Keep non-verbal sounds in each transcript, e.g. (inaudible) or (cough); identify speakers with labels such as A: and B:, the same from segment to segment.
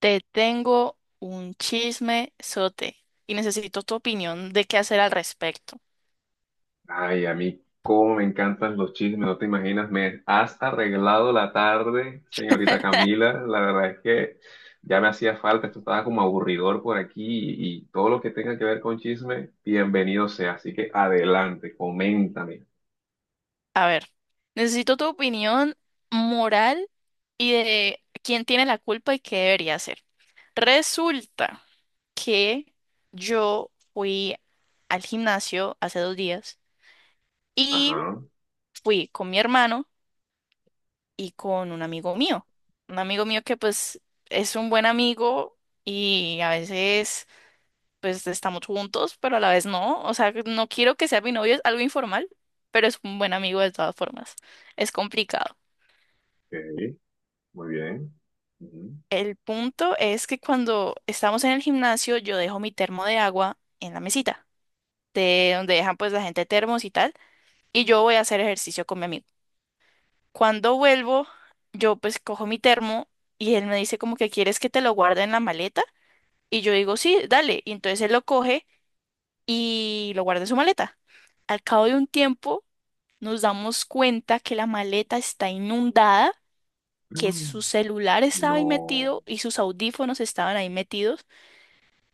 A: Te tengo un chisme sote y necesito tu opinión de qué hacer al respecto.
B: Ay, a mí cómo me encantan los chismes, no te imaginas, me has arreglado la tarde, señorita Camila. La verdad es que ya me hacía falta, esto estaba como aburridor por aquí y todo lo que tenga que ver con chisme, bienvenido sea. Así que adelante, coméntame.
A: A ver, necesito tu opinión moral y de quién tiene la culpa y qué debería hacer. Resulta que yo fui al gimnasio hace 2 días y
B: Ajá, ok,
A: fui con mi hermano y con un amigo mío. Un amigo mío que pues es un buen amigo y a veces pues estamos juntos, pero a la vez no. O sea, no quiero que sea mi novio, es algo informal, pero es un buen amigo de todas formas. Es complicado.
B: muy bien. Ujú.
A: El punto es que cuando estamos en el gimnasio, yo dejo mi termo de agua en la mesita, de donde dejan pues la gente termos y tal, y yo voy a hacer ejercicio con mi amigo. Cuando vuelvo, yo pues cojo mi termo y él me dice como que quieres que te lo guarde en la maleta, y yo digo sí, dale, y entonces él lo coge y lo guarda en su maleta. Al cabo de un tiempo, nos damos cuenta que la maleta está inundada, que su
B: Mm.
A: celular estaba ahí
B: No.
A: metido y sus audífonos estaban ahí metidos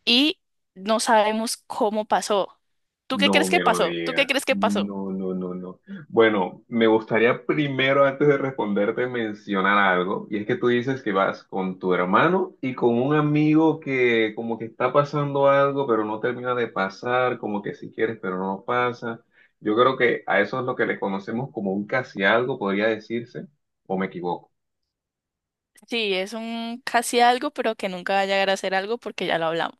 A: y no sabemos cómo pasó. ¿Tú qué
B: No
A: crees que
B: me lo
A: pasó? ¿Tú qué crees
B: digas.
A: que pasó?
B: No, no, no, no. Bueno, me gustaría primero, antes de responderte, mencionar algo. Y es que tú dices que vas con tu hermano y con un amigo que como que está pasando algo, pero no termina de pasar, como que si quieres, pero no pasa. Yo creo que a eso es lo que le conocemos como un casi algo, podría decirse, o me equivoco.
A: Sí, es un casi algo, pero que nunca va a llegar a ser algo porque ya lo hablamos.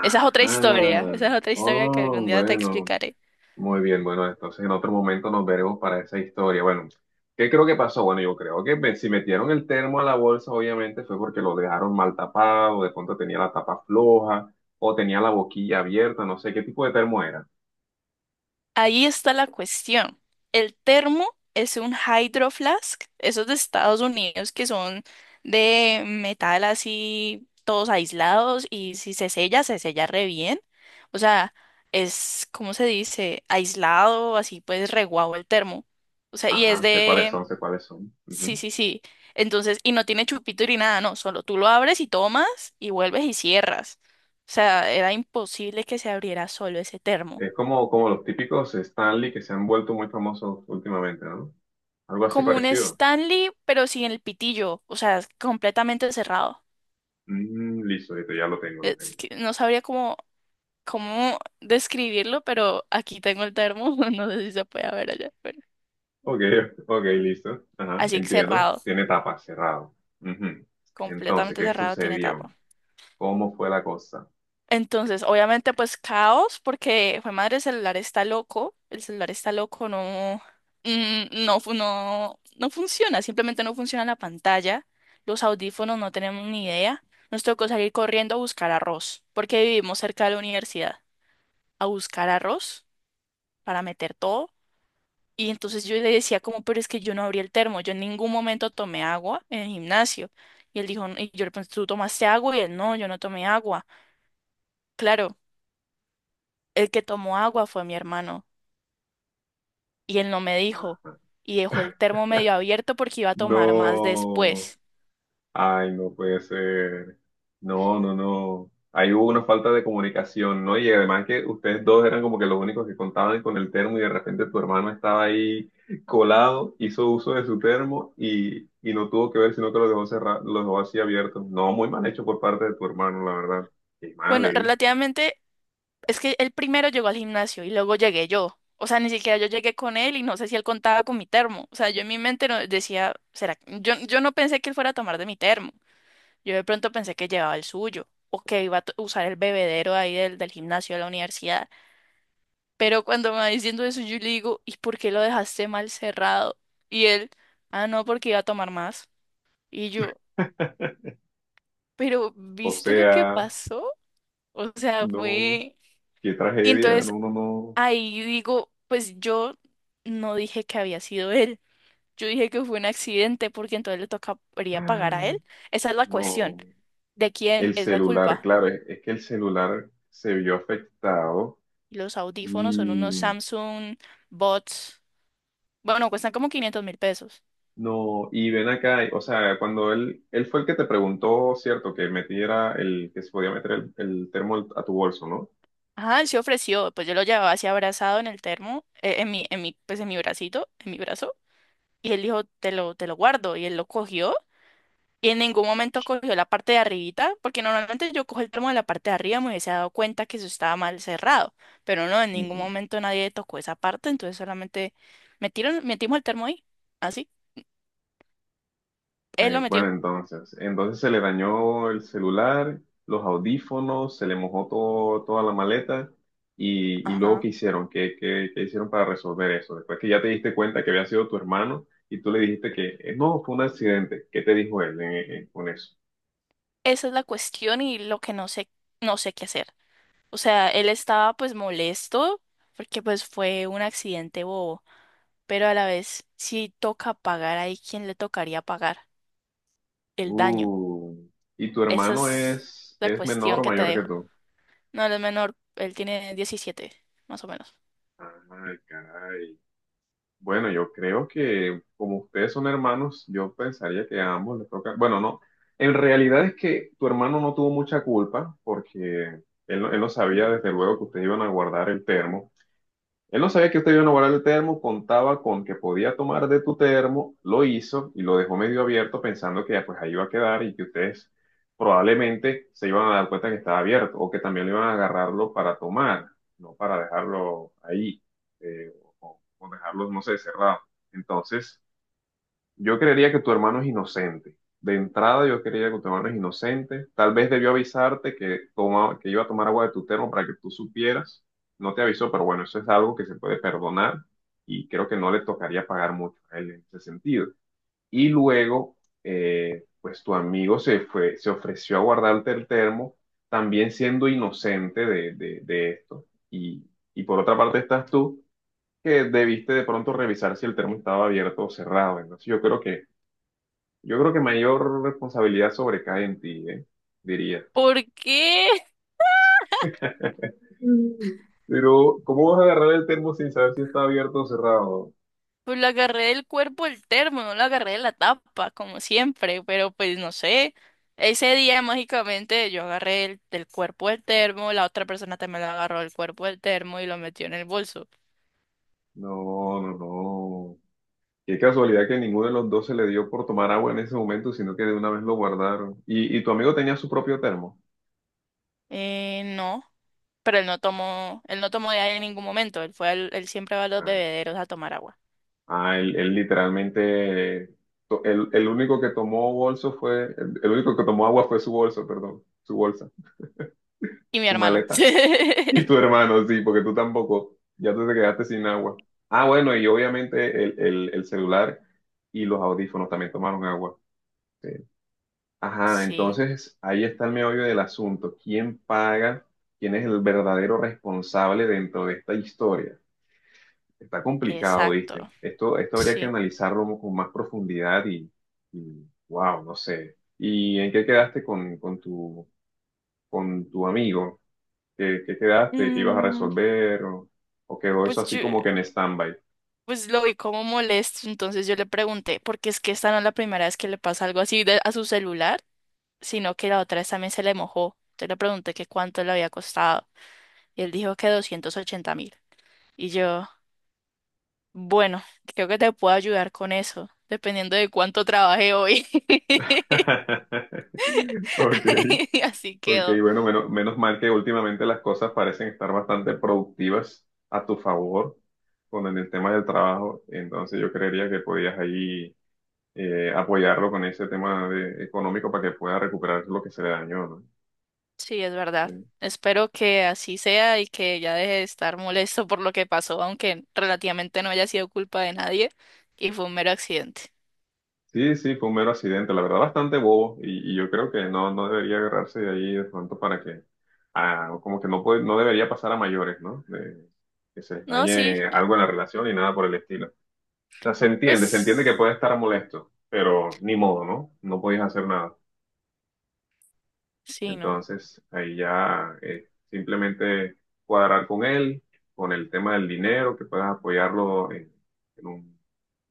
A: Esa es otra historia, esa es otra historia que
B: Oh,
A: algún día te
B: bueno.
A: explicaré.
B: Muy bien, bueno, entonces en otro momento nos veremos para esa historia. Bueno, ¿qué creo que pasó? Bueno, yo creo que si metieron el termo a la bolsa, obviamente fue porque lo dejaron mal tapado, de pronto tenía la tapa floja o tenía la boquilla abierta, no sé qué tipo de termo era.
A: Ahí está la cuestión. El termo es un hydro flask, esos de Estados Unidos que son de metal así, todos aislados y si se sella, se sella re bien. O sea, es, ¿cómo se dice? Aislado, así pues re guau el termo. O sea,
B: Ajá, sé cuáles son, sé cuáles son.
A: sí,
B: Ujú.
A: sí, sí. Entonces, y no tiene chupito ni nada, no, solo tú lo abres y tomas y vuelves y cierras. O sea, era imposible que se abriera solo ese termo.
B: Es como los típicos Stanley que se han vuelto muy famosos últimamente, ¿no? Algo así
A: Como un
B: parecido.
A: Stanley, pero sin el pitillo, o sea, es completamente cerrado.
B: Mm, listo, ya lo tengo, lo
A: Es
B: tengo.
A: que no sabría cómo describirlo, pero aquí tengo el termo, (laughs) no sé si se puede ver allá, pero
B: Ok, ok, listo. Ajá,
A: así
B: entiendo.
A: cerrado,
B: Tiene tapa, cerrado. Ujú. Entonces,
A: completamente
B: ¿qué
A: cerrado, tiene tapa.
B: sucedió? ¿Cómo fue la cosa?
A: Entonces, obviamente, pues caos, porque fue madre, el celular está loco, el celular está loco, no, no, no, no funciona, simplemente no funciona la pantalla, los audífonos no tenemos ni idea, nos tocó salir corriendo a buscar arroz, porque vivimos cerca de la universidad, a buscar arroz para meter todo, y entonces yo le decía como, pero es que yo no abrí el termo, yo en ningún momento tomé agua en el gimnasio, y él dijo, y yo le pregunté, ¿tú tomaste agua? Y él, no, yo no tomé agua, claro. El que tomó agua fue mi hermano y él no me dijo y dejó el termo medio abierto porque iba a tomar más
B: No.
A: después.
B: Ay, no puede ser. No, no, no. Ahí hubo una falta de comunicación, ¿no? Y además que ustedes dos eran como que los únicos que contaban con el termo y de repente tu hermano estaba ahí colado, hizo uso de su termo y no tuvo que ver, sino que lo dejó cerrado, lo dejó así abierto. No, muy mal hecho por parte de tu hermano, la verdad. Qué mal,
A: Bueno,
B: ¿eh?
A: relativamente es que él primero llegó al gimnasio y luego llegué yo. O sea, ni siquiera yo llegué con él y no sé si él contaba con mi termo. O sea, yo en mi mente no decía, será, yo no pensé que él fuera a tomar de mi termo. Yo de pronto pensé que llevaba el suyo o que iba a usar el bebedero ahí del gimnasio de la universidad. Pero cuando me va diciendo eso, yo le digo, ¿y por qué lo dejaste mal cerrado? Y él, ah, no, porque iba a tomar más. Y yo, pero
B: O
A: ¿viste lo que
B: sea.
A: pasó? O sea,
B: No,
A: fue...
B: qué
A: Y
B: tragedia,
A: entonces
B: no, no, no.
A: ahí digo, pues yo no dije que había sido él. Yo dije que fue un accidente porque entonces le tocaría pagar a él.
B: Ay,
A: Esa es la cuestión.
B: no,
A: ¿De quién
B: el
A: es la
B: celular,
A: culpa?
B: claro, es que el celular se vio afectado
A: Los audífonos son unos
B: y
A: Samsung Bots. Bueno, cuestan como 500.000 pesos.
B: no, y ven acá, o sea, cuando él fue el que te preguntó, cierto, que metiera que se podía meter el termo a tu bolso, ¿no?
A: Ajá, él se ofreció, pues yo lo llevaba así abrazado en el termo, en mi, pues en mi bracito, en mi brazo, y él dijo, te lo guardo, y él lo cogió, y en ningún momento cogió la parte de arribita, porque normalmente yo cojo el termo de la parte de arriba, me hubiese dado cuenta que eso estaba mal cerrado, pero no, en ningún momento nadie tocó esa parte, entonces solamente metimos el termo ahí, así, él lo metió,
B: Bueno, entonces se le dañó el celular, los audífonos, se le mojó todo, toda la maleta y luego
A: ajá,
B: ¿qué hicieron? Qué hicieron para resolver eso? Después que ya te diste cuenta que había sido tu hermano y tú le dijiste que no, fue un accidente. ¿Qué te dijo él con eso?
A: esa es la cuestión y lo que no sé, no sé qué hacer, o sea, él estaba pues molesto, porque pues fue un accidente bobo pero a la vez, si toca pagar ahí, ¿quién le tocaría pagar el daño?
B: Uh, ¿Y tu
A: Esa
B: hermano
A: es la
B: es menor
A: cuestión
B: o
A: que te
B: mayor que
A: dejo.
B: tú?
A: No, él es menor, él tiene 17, más o menos.
B: Ay, caray. Bueno, yo creo que como ustedes son hermanos, yo pensaría que a ambos les toca. Bueno, no. En realidad es que tu hermano no tuvo mucha culpa porque él no sabía desde luego que ustedes iban a guardar el termo. Él no sabía que usted iba a guardar el termo, contaba con que podía tomar de tu termo, lo hizo y lo dejó medio abierto pensando que ya pues ahí iba a quedar y que ustedes probablemente se iban a dar cuenta que estaba abierto o que también le iban a agarrarlo para tomar, no para dejarlo ahí eh, o dejarlo, no sé, cerrado. Entonces... Yo creería que tu hermano es inocente. De entrada, yo creería que tu hermano es inocente. Tal vez debió avisarte que, que iba a tomar agua de tu termo para que tú supieras. No te avisó, pero bueno, eso es algo que se puede perdonar y creo que no le tocaría pagar mucho a él en ese sentido. Y luego, pues tu amigo se fue, se ofreció a guardarte el termo, también siendo inocente de, de esto. Y por otra parte estás tú, que debiste de pronto revisar si el termo estaba abierto o cerrado. Entonces, yo creo que mayor responsabilidad sobrecae en ti, ¿eh? Diría.
A: ¿Por qué?
B: Mm. Pero, ¿cómo vas a agarrar el termo sin saber si está abierto o cerrado?
A: Pues lo agarré del cuerpo el termo, no lo agarré de la tapa, como siempre, pero pues no sé. Ese día mágicamente yo agarré del cuerpo el termo, la otra persona también lo agarró del cuerpo el termo y lo metió en el bolso.
B: No, no, no. Qué casualidad que ninguno de los dos se le dio por tomar agua en ese momento, sino que de una vez lo guardaron. ¿Y tu amigo tenía su propio termo?
A: No, pero él no tomó de ahí en ningún momento. Él fue él siempre va a los
B: Ah,
A: bebederos a tomar agua.
B: ah, él literalmente, el único que tomó bolso fue, el único que tomó agua fue su bolso, perdón, su bolsa,
A: Y mi
B: su
A: hermano.
B: maleta. Y tu
A: (laughs)
B: hermano, sí, porque tú tampoco, ya tú te quedaste sin agua. Ah, bueno, y obviamente el celular y los audífonos también tomaron agua. Sí. Ajá,
A: Sí,
B: entonces ahí está el meollo del asunto. ¿Quién paga? ¿Quién es el verdadero responsable dentro de esta historia? Está complicado, ¿viste?
A: exacto.
B: Esto habría que
A: Sí.
B: analizarlo con más profundidad y, wow, no sé. ¿Y en qué quedaste con tu amigo? ¿Qué, qué quedaste? ¿Qué ibas a
A: Mm,
B: resolver? O quedó eso
A: pues
B: así
A: yo,
B: como que en stand-by?
A: pues lo vi como molesto, entonces yo le pregunté, porque es que esta no es la primera vez que le pasa algo a su celular, sino que la otra vez también se le mojó. Entonces le pregunté que cuánto le había costado y él dijo que 280.000. Y yo, bueno, creo que te puedo ayudar con eso, dependiendo de cuánto trabajé hoy. (laughs)
B: (laughs) Ok,
A: (laughs) Así
B: ok,
A: quedó.
B: bueno, menos mal que últimamente las cosas parecen estar bastante productivas a tu favor con el tema del trabajo, entonces yo creería que podías ahí apoyarlo con ese tema económico para que pueda recuperar lo que se le dañó, ¿no?
A: Sí, es verdad. Espero que así sea y que ya deje de estar molesto por lo que pasó, aunque relativamente no haya sido culpa de nadie y fue un mero accidente.
B: Sí, sí, fue un mero accidente, la verdad, bastante bobo, y yo creo que no, no debería agarrarse de ahí de pronto para que, ah, como que no puede, no debería pasar a mayores, ¿no? De, que se les
A: No, sí,
B: dañe algo en la relación y nada por el estilo. O sea, se entiende que
A: pues
B: puede estar molesto, pero ni modo, ¿no? No podías hacer nada.
A: sí, no.
B: Entonces, ahí ya simplemente cuadrar con él, con el tema del dinero, que puedas apoyarlo en un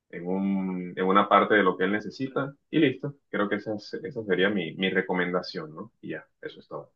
B: en un, en una parte de lo que él necesita y listo. Creo que esa, esa sería mi, mi recomendación, ¿no? Y ya, eso es todo.